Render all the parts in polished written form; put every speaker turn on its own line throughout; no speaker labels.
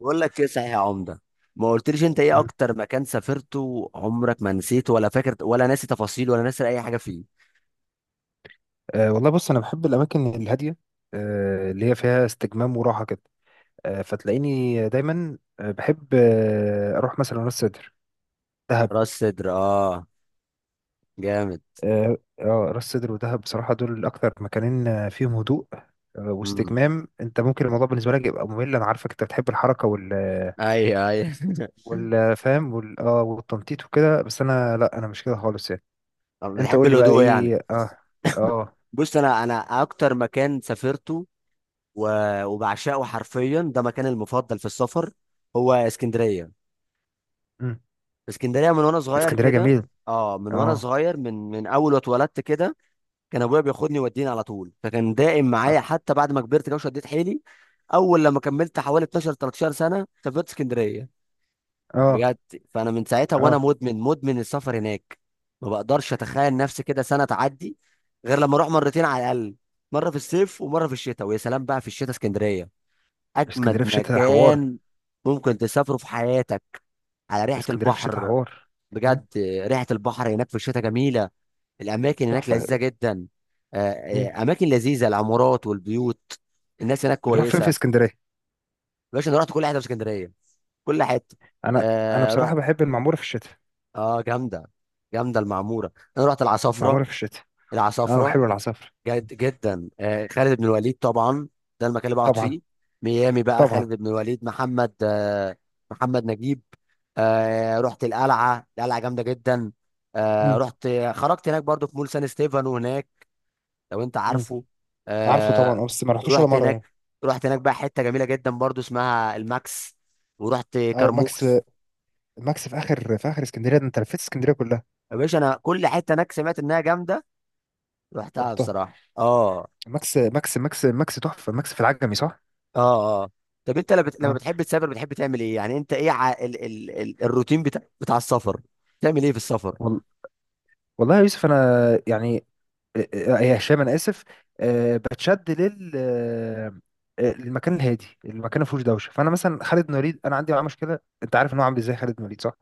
بقول لك ايه صحيح يا عمده. ما قلتليش انت ايه
مم.
اكتر مكان سافرته عمرك ما نسيته، ولا فاكر، ولا ناسي تفاصيل، ولا ناسي اي حاجه فيه؟
والله بص انا بحب الاماكن الهاديه، اللي هي فيها استجمام وراحه كده. فتلاقيني دايما بحب اروح مثلا راس سدر، دهب.
راس صدر، اه، جامد.
راس سدر ودهب بصراحه دول اكتر مكانين فيهم هدوء
امم،
واستجمام. انت ممكن الموضوع بالنسبه لك يبقى ممل، انا عارفك انت بتحب الحركه وال
ايوه ايوه
والفهم وال اه والتنطيط وكده، بس انا لا، انا مش كده خالص يعني.
طب
انت
بتحب
قول لي بقى
الهدوء يعني؟
ايه. اه. اه.
بص، انا اكتر مكان سافرته وبعشقه حرفيا، ده مكاني المفضل في السفر، هو اسكندريه.
مم.
اسكندريه من وانا صغير
اسكندريه
كده.
جميل.
اه، من وانا
اه.
صغير، من اول ما اتولدت كده. كان ابويا بياخدني يوديني على طول، فكان دائم
اه.
معايا، حتى بعد ما كبرت كده وشديت حيلي. اول لما كملت حوالي 12 13 سنه سافرت اسكندريه،
اه.
بجد. فانا من ساعتها وانا
اه.
مدمن السفر هناك. ما بقدرش اتخيل نفسي كده سنه تعدي غير لما اروح مرتين على الاقل. مره في الصيف ومره في الشتاء، ويا سلام بقى في الشتاء، اسكندريه اجمد
اسكندريه في الشتاء حوار.
مكان ممكن تسافره في حياتك. على ريحه
اسكندريه في الشتاء
البحر،
حوار. مم.
بجد. ريحه البحر هناك في الشتاء جميله. الاماكن هناك
تحفه.
لذيذه جدا. آه،
مم.
اماكن لذيذه، العمارات والبيوت. الناس هناك
بتروح فين في
كويسه.
اسكندريه؟
باشا، انا رحت كل حته في اسكندريه، كل حته.
انا بصراحه
رحت.
بحب المعموره في الشتاء.
اه، جامده. جامده المعموره، انا رحت العصافره،
المعموره في الشتاء. اه
العصافره.
وحلو العصافر.
جد جدا، خالد بن الوليد طبعا. ده المكان اللي بقعد
طبعا.
فيه. ميامي بقى،
طبعا.
خالد بن الوليد، محمد، محمد نجيب. رحت القلعه، القلعه جامده جدا. آه
مم.
رحت خرجت هناك برضو في مول سان ستيفانو هناك، لو انت
مم.
عارفه.
عارفه طبعا
آه
اه، بس ما رحتوش ولا
رحت
مره يعني.
هناك رحت هناك بقى حته جميله جدا برضو اسمها الماكس. ورحت
او الماكس.
كرموز.
الماكس في اخر، في اخر اسكندريه، ده انت لفيت اسكندريه كلها.
يا باشا، انا كل حته هناك سمعت انها جامده، رحتها
رحتها.
بصراحه. اه،
ماكس ماكس ماكس ماكس تحفه، ماكس في العجمي صح؟
اه، اه. طب انت لما لما
اه.
بتحب تسافر، بتحب تعمل ايه يعني؟ انت ايه ع... ال... ال... ال... الروتين بتاع السفر؟ بتعمل ايه في السفر؟
وال... والله يا يوسف انا، يعني يا هشام انا اسف. آه، بتشد لل آه، آه، للمكان الهادي، المكان ما فيهوش دوشه. فانا مثلا خالد نوليد انا عندي معاه مشكله، انت عارف ان هو عامل ازاي خالد نوليد صح؟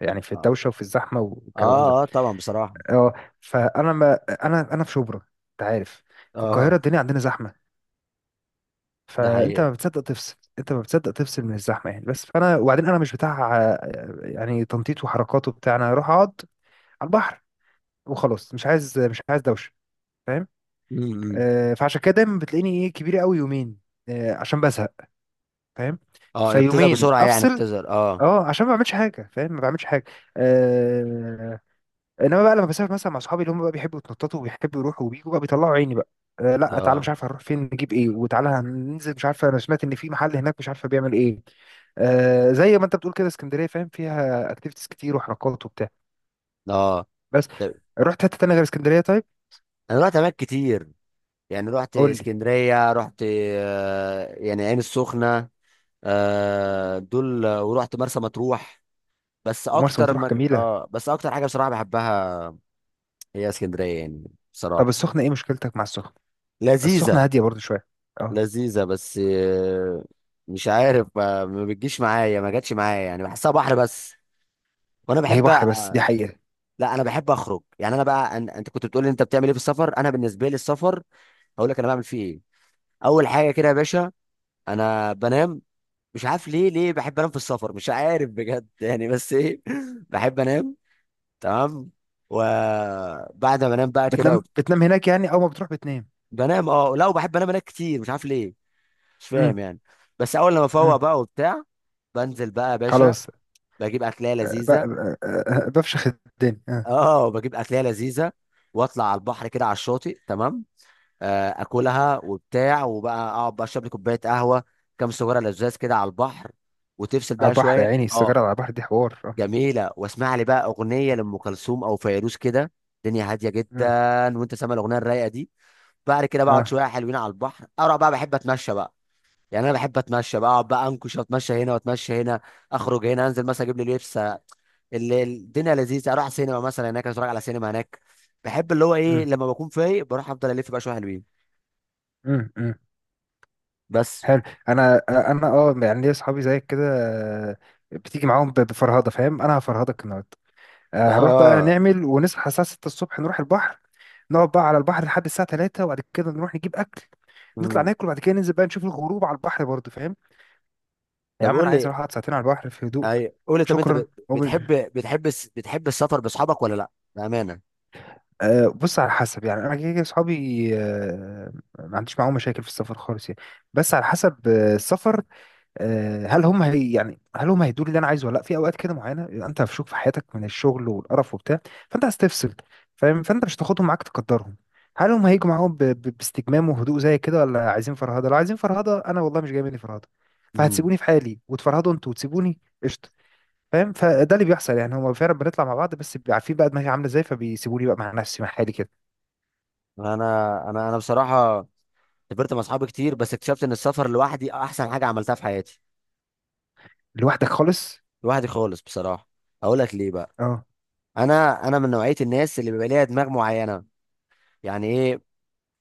يعني في
اه،
الدوشه وفي الزحمه
اه,
والكلام ده.
طبعا بصراحه.
اه. فانا ما انا في شبرا، انت عارف، في
اه،
القاهره الدنيا عندنا زحمه.
ده
فانت
حقيقه.
ما بتصدق تفصل، انت ما بتصدق تفصل من الزحمه يعني. بس فانا وبعدين انا مش بتاع يعني تنطيط وحركات وبتاع، انا اروح اقعد على البحر وخلاص، مش عايز دوشه، فاهم؟
امم.
فعشان كده دايما بتلاقيني ايه كبير قوي يومين عشان بزهق، فاهم؟
اه، يا بتزهق
فيومين
بسرعه يعني،
افصل
بتزهق. اه،
اه، عشان ما بعملش حاجه فاهم، ما بعملش حاجه. آه انما بقى لما بسافر مثلا مع اصحابي اللي هم بقى بيحبوا يتنططوا وبيحبوا يروحوا وبيجوا بقى بيطلعوا عيني بقى. لا تعالى مش
اه،
عارف هنروح فين، نجيب ايه، وتعالى هننزل مش عارفه، انا سمعت ان في محل هناك مش عارفه بيعمل ايه. زي ما انت بتقول كده، اسكندريه فاهم فيها اكتيفيتيز كتير وحركات وبتاع،
اه.
بس.
طب،
رحت حته تانيه غير اسكندريه طيب؟
انا رحت اماكن كتير. يعني رحت
قول لي.
اسكندرية، رحت يعني عين السخنة. دول، ورحت مرسى مطروح.
ومرسى مطروح جميله.
بس اكتر حاجة بصراحة بحبها هي اسكندرية يعني، بصراحة.
طب السخنه ايه مشكلتك مع السخنه؟ السخنة
لذيذة.
هادية برضو شوية. اه.
لذيذة بس، مش عارف، ما بتجيش معايا، ما جاتش معايا يعني، بحسها بحر بس. وانا
ما هي
بحب
بحر بس دي حقيقة.
لا، انا بحب اخرج يعني، انت كنت بتقول لي انت بتعمل ايه في السفر. انا بالنسبة لي السفر، هقول لك انا بعمل فيه ايه. اول حاجة كده يا باشا، انا بنام. مش عارف ليه بحب انام في السفر، مش عارف بجد يعني بس ايه بحب انام. تمام. وبعد ما انام بقى كده
بتنام، بتنام هناك يعني؟ أول ما بتروح بتنام؟
بنام. اه لا، وبحب انام كتير، مش عارف ليه. مش
امم.
فاهم يعني. بس اول لما افوق
امم.
بقى وبتاع، بنزل بقى يا باشا.
خلاص.
بجيب اكلية لذيذة.
بفشخ الدنيا آه.
اه، بجيب اكلية لذيذة، واطلع على البحر كده، على الشاطئ، تمام. اكلها وبتاع، وبقى اقعد بقى اشرب لي كوباية قهوة، كام سجارة لزاز كده على البحر، وتفصل
على
بقى
البحر يا
شوية.
عيني،
اه،
السيجارة على البحر دي حوار اه.
جميلة، واسمع لي بقى أغنية لأم كلثوم أو فيروز كده. الدنيا هادية جدا،
امم.
وأنت سامع الأغنية الرايقة دي. بعد كده بقعد
اه.
شوية حلوين على البحر، أروح بقى، بحب أتمشى بقى. يعني أنا بحب أتمشى بقى، أقعد بقى أنكش، وأتمشى هنا وأتمشى هنا. أخرج هنا، أنزل مثلا أجيب لي لبس. الدنيا لذيذة، أروح سينما مثلا هناك، أتفرج على سينما هناك. بحب اللي هو إيه،
امم.
لما بكون فايق بروح أفضل ألف بقى شوية حلوين.
امم. امم.
بس.
حلو. أنا اه يعني ليا أصحابي زيك كده آه، بتيجي معاهم بفرهدة، فاهم؟ أنا هفرهدك النهاردة، هنروح بقى
آه
نعمل ونصحى الساعة 6 الصبح نروح البحر، نقعد بقى على البحر لحد الساعة 3، وبعد كده نروح نجيب أكل، نطلع
مم.
ناكل، وبعد كده ننزل بقى نشوف الغروب على البحر برضه، فاهم؟ يا
طب
عم
قول
أنا عايز
لي.
أروح أقعد ساعتين على البحر في هدوء،
أي قول لي، طب أنت
شكرا ومش.
بتحب بتحب السفر بأصحابك ولا لأ؟ بأمانة.
أه بص على حسب يعني، أنا كده كده أصحابي أه، ما عنديش معاهم مشاكل في السفر خالص يعني، بس على حسب السفر، آه، هل هم هي يعني هل هم هيدوا لي اللي انا عايزه ولا لا. في اوقات كده معينه بيبقى انت مفشوخ في حياتك من الشغل والقرف وبتاع، فانت هتستفسر، فاهم؟ فانت مش هتاخدهم معاك تقدرهم. هل هم هيجوا معاهم باستجمام وهدوء زي كده ولا عايزين فرهده؟ لو عايزين فرهده انا والله مش جاي مني فرهده،
مم.
فهتسيبوني في حالي وتفرهدوا انتوا وتسيبوني قشطه، فاهم؟ فده اللي بيحصل يعني، هم فعلا بنطلع مع بعض بس بيبقى عارفين بقى دماغي عامله ازاي فبيسيبوني بقى مع نفسي مع حالي كده.
انا انا بصراحه، سافرت مع اصحابي كتير، بس اكتشفت ان السفر لوحدي احسن حاجه عملتها في حياتي.
لوحدك خالص؟
لوحدي خالص بصراحه. اقول لك ليه بقى.
اه.
انا من نوعيه الناس اللي بيبقى ليها دماغ معينه. يعني ايه؟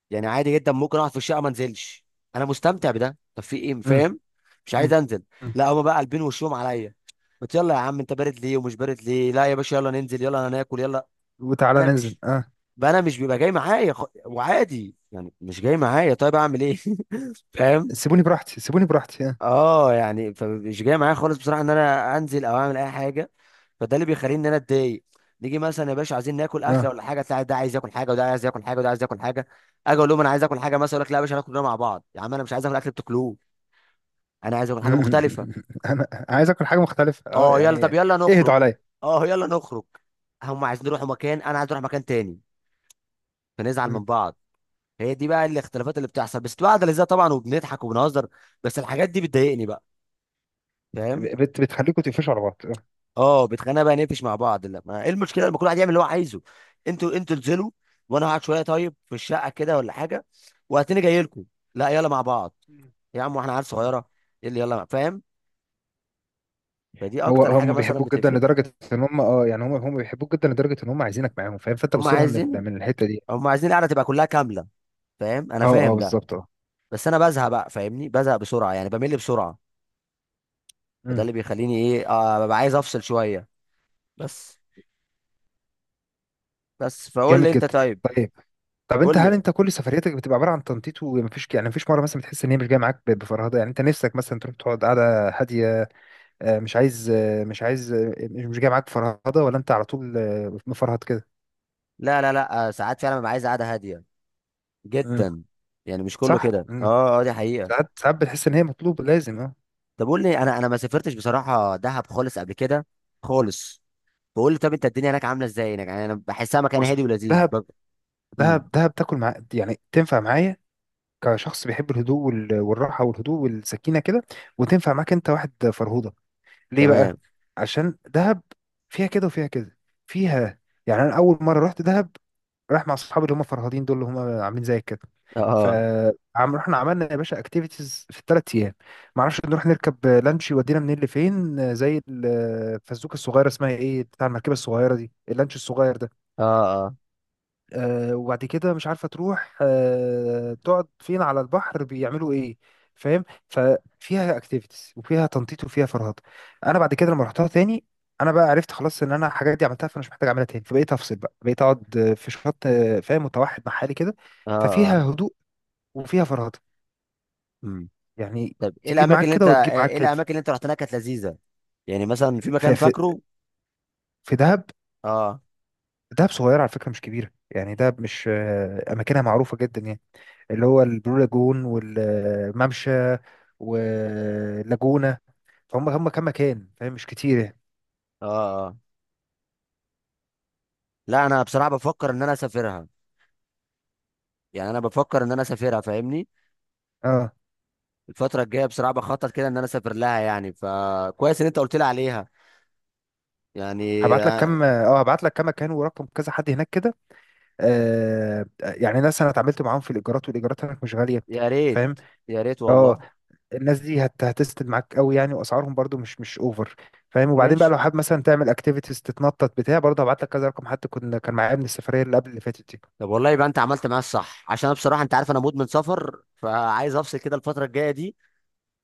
يعني عادي جدا، ممكن اقعد في الشقه ما انزلش. انا مستمتع بده، طب في ايه،
امم.
فاهم. مش عايز
أمم.
انزل.
امم.
لا، هما بقى قلبين وشهم عليا. قلت يلا يا عم، انت بارد ليه ومش بارد ليه، لا يا باشا يلا ننزل يلا هناكل يلا.
وتعالى
انا
ننزل
مش،
اه.
بقى انا مش بيبقى جاي معايا وعادي يعني مش جاي معايا، طيب اعمل ايه؟ فاهم.
سيبوني براحتي، سيبوني براحتي اه.
اه يعني، فمش جاي معايا خالص بصراحه ان انا انزل او اعمل اي حاجه. فده اللي بيخليني ان انا اتضايق. نيجي مثلا يا باشا عايزين ناكل اكله
اه.
ولا حاجه، تلاقي ده عايز ياكل حاجه، وده عايز ياكل حاجه، وده عايز ياكل حاجه. اجي اقول لهم انا عايز اكل حاجه مثلا، يقول لك لا يا باشا هناكل كلنا مع بعض، يا عم انا مش عايز اكل اكل بتاكلوه. انا عايز اكل حاجه مختلفه.
انا عايز اكل حاجه مختلفه اه
اه يلا، طب
يعني.
يلا نخرج.
اهدوا عليا.
اه يلا نخرج. هم عايزين يروحوا مكان، انا عايز اروح مكان تاني، فنزعل
مم.
من بعض. هي دي بقى الاختلافات اللي بتحصل، بس بتبقى قاعده لذيذه طبعا، وبنضحك وبنهزر. بس الحاجات دي بتضايقني بقى، فاهم.
بتخليكم تقفشوا على بعض آه.
اه، بتخانق بقى، نقفش مع بعض، لا ما ايه المشكله لما كل واحد يعمل اللي هو عايزه؟ انتوا انزلوا، وانا هقعد شويه طيب في الشقه كده ولا حاجه، وهتلاقيني جاي لكم. لا يلا مع بعض
مم.
يا عم، واحنا عيال
مم.
صغيره؟ إيه اللي يلا فاهم؟ فدي
هو
اكتر حاجه
هم
مثلا
بيحبوك جدا
بتقفلني.
لدرجه ان هم اه يعني، هم بيحبوك جدا لدرجه ان هم عايزينك معاهم، فاهم؟ فانت
هم
بص لها
عايزين
من الحته دي.
هم عايزين القعده تبقى كلها كامله، فاهم، انا
اه. اه
فاهم ده.
بالظبط اه.
بس انا بزهق بقى، فاهمني، بزهق بسرعه يعني، بمل بسرعه. فده
مم.
اللي بيخليني ايه، ببقى عايز افصل شويه. بس بس، فقول لي
جامد
انت،
جدا.
طيب.
طيب. طب انت
قول
هل
لي.
انت كل سفرياتك بتبقى عباره عن تنطيط ومفيش، يعني مفيش مره مثلا بتحس ان هي مش جايه معاك بفرهده، يعني انت نفسك مثلا تروح تقعد قاعده هاديه آه، مش عايز آه، مش عايز آه، مش مش جايه معاك بفرهده؟ ولا انت على طول مفرهد كده؟
لا لا لا، ساعات فعلا ببقى عايز قعده هاديه جدا. يعني مش كله
صح.
كده.
مم.
اه، اه، دي حقيقة.
ساعات، ساعات بتحس ان هي مطلوبه لازم اه.
طب قول لي، انا ما سافرتش بصراحة دهب خالص قبل كده، خالص. بقول لي طب انت الدنيا هناك عاملة ازاي هناك يعني، انا بحسها مكان
بص،
هادي ولذيذ
دهب،
امم،
دهب تاكل مع، يعني تنفع معايا كشخص بيحب الهدوء والراحه والهدوء والسكينه كده، وتنفع معاك انت واحد فرهوده. ليه
تمام.
بقى؟ عشان دهب فيها كده وفيها كده، فيها، يعني انا اول مره رحت دهب رايح مع اصحابي اللي هم فرهادين دول اللي هم عاملين زي كده.
اه،
ف
اه،
عم رحنا عملنا يا باشا اكتيفيتيز في 3 ايام، ما اعرفش نروح نركب لانش يودينا منين لفين زي الفزوكه الصغيره اسمها ايه، بتاع المركبه الصغيره دي اللانش الصغير ده.
اه،
وبعد كده مش عارفة تروح تقعد فين على البحر بيعملوا ايه، فاهم؟ ففيها اكتيفيتيز وفيها تنطيط وفيها فرهضة. انا بعد كده لما رحتها تاني انا بقى عرفت خلاص ان انا الحاجات دي عملتها، فانا مش محتاج اعملها تاني فبقيت افصل بقى، بقيت اقعد في شط فاهم، متوحد مع حالي كده،
اه، اه،
ففيها هدوء وفيها فرهضة
امم.
يعني.
طب
تجيب معاك كده وتجيب معاك
ايه
كده.
الاماكن اللي انت رحت هناك كانت لذيذة؟ يعني مثلا في مكان
ففي،
فاكره؟
في دهب،
اه،
دهب صغيرة على فكرة مش كبيرة يعني، دهب مش أماكنها معروفة جدا يعني، اللي هو البلو لاجون والممشى واللاجونة، فهم هم كام مكان فاهم مش كتير يعني.
اه، اه. لا، انا بصراحة بفكر ان انا اسافرها. يعني انا بفكر ان انا اسافرها، فاهمني.
اه.
الفترة الجاية بصراحة بخطط كده ان انا اسافر لها يعني، فكويس ان انت قلت لي عليها، يعني.
هبعت لك
يا،
كام، اه هبعت لك كام مكان ورقم كذا حد هناك كده، يعني ناس انا اتعاملت معاهم في الايجارات، والايجارات هناك مش غاليه،
يا ريت
فاهم؟
يا ريت
اه.
والله.
الناس دي هتسند معاك قوي يعني، واسعارهم برضو مش، مش اوفر، فاهم؟ وبعدين بقى
ماشي.
لو حابب مثلا تعمل اكتيفيتيز تتنطط بتاع برضه هبعت لك كذا رقم حد كنا كان معايا من السفريه اللي قبل اللي فاتت دي.
طب والله يبقى انت عملت معايا الصح، عشان انا بصراحه انت عارف انا مدمن سفر، فعايز افصل كده الفتره الجايه دي.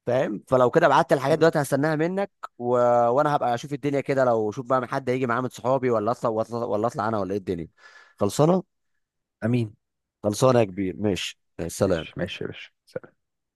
فاهم، فلو كده بعت الحاجات
مم.
دلوقتي هستناها منك. و... وانا هبقى اشوف الدنيا كده، لو شوف بقى حد هيجي معاه من صحابي، ولا أطلع انا، ولا ايه الدنيا. خلصانه.
امين.
خلصانه يا كبير، ماشي.
ماشي
سلام.
ماشي يا باشا.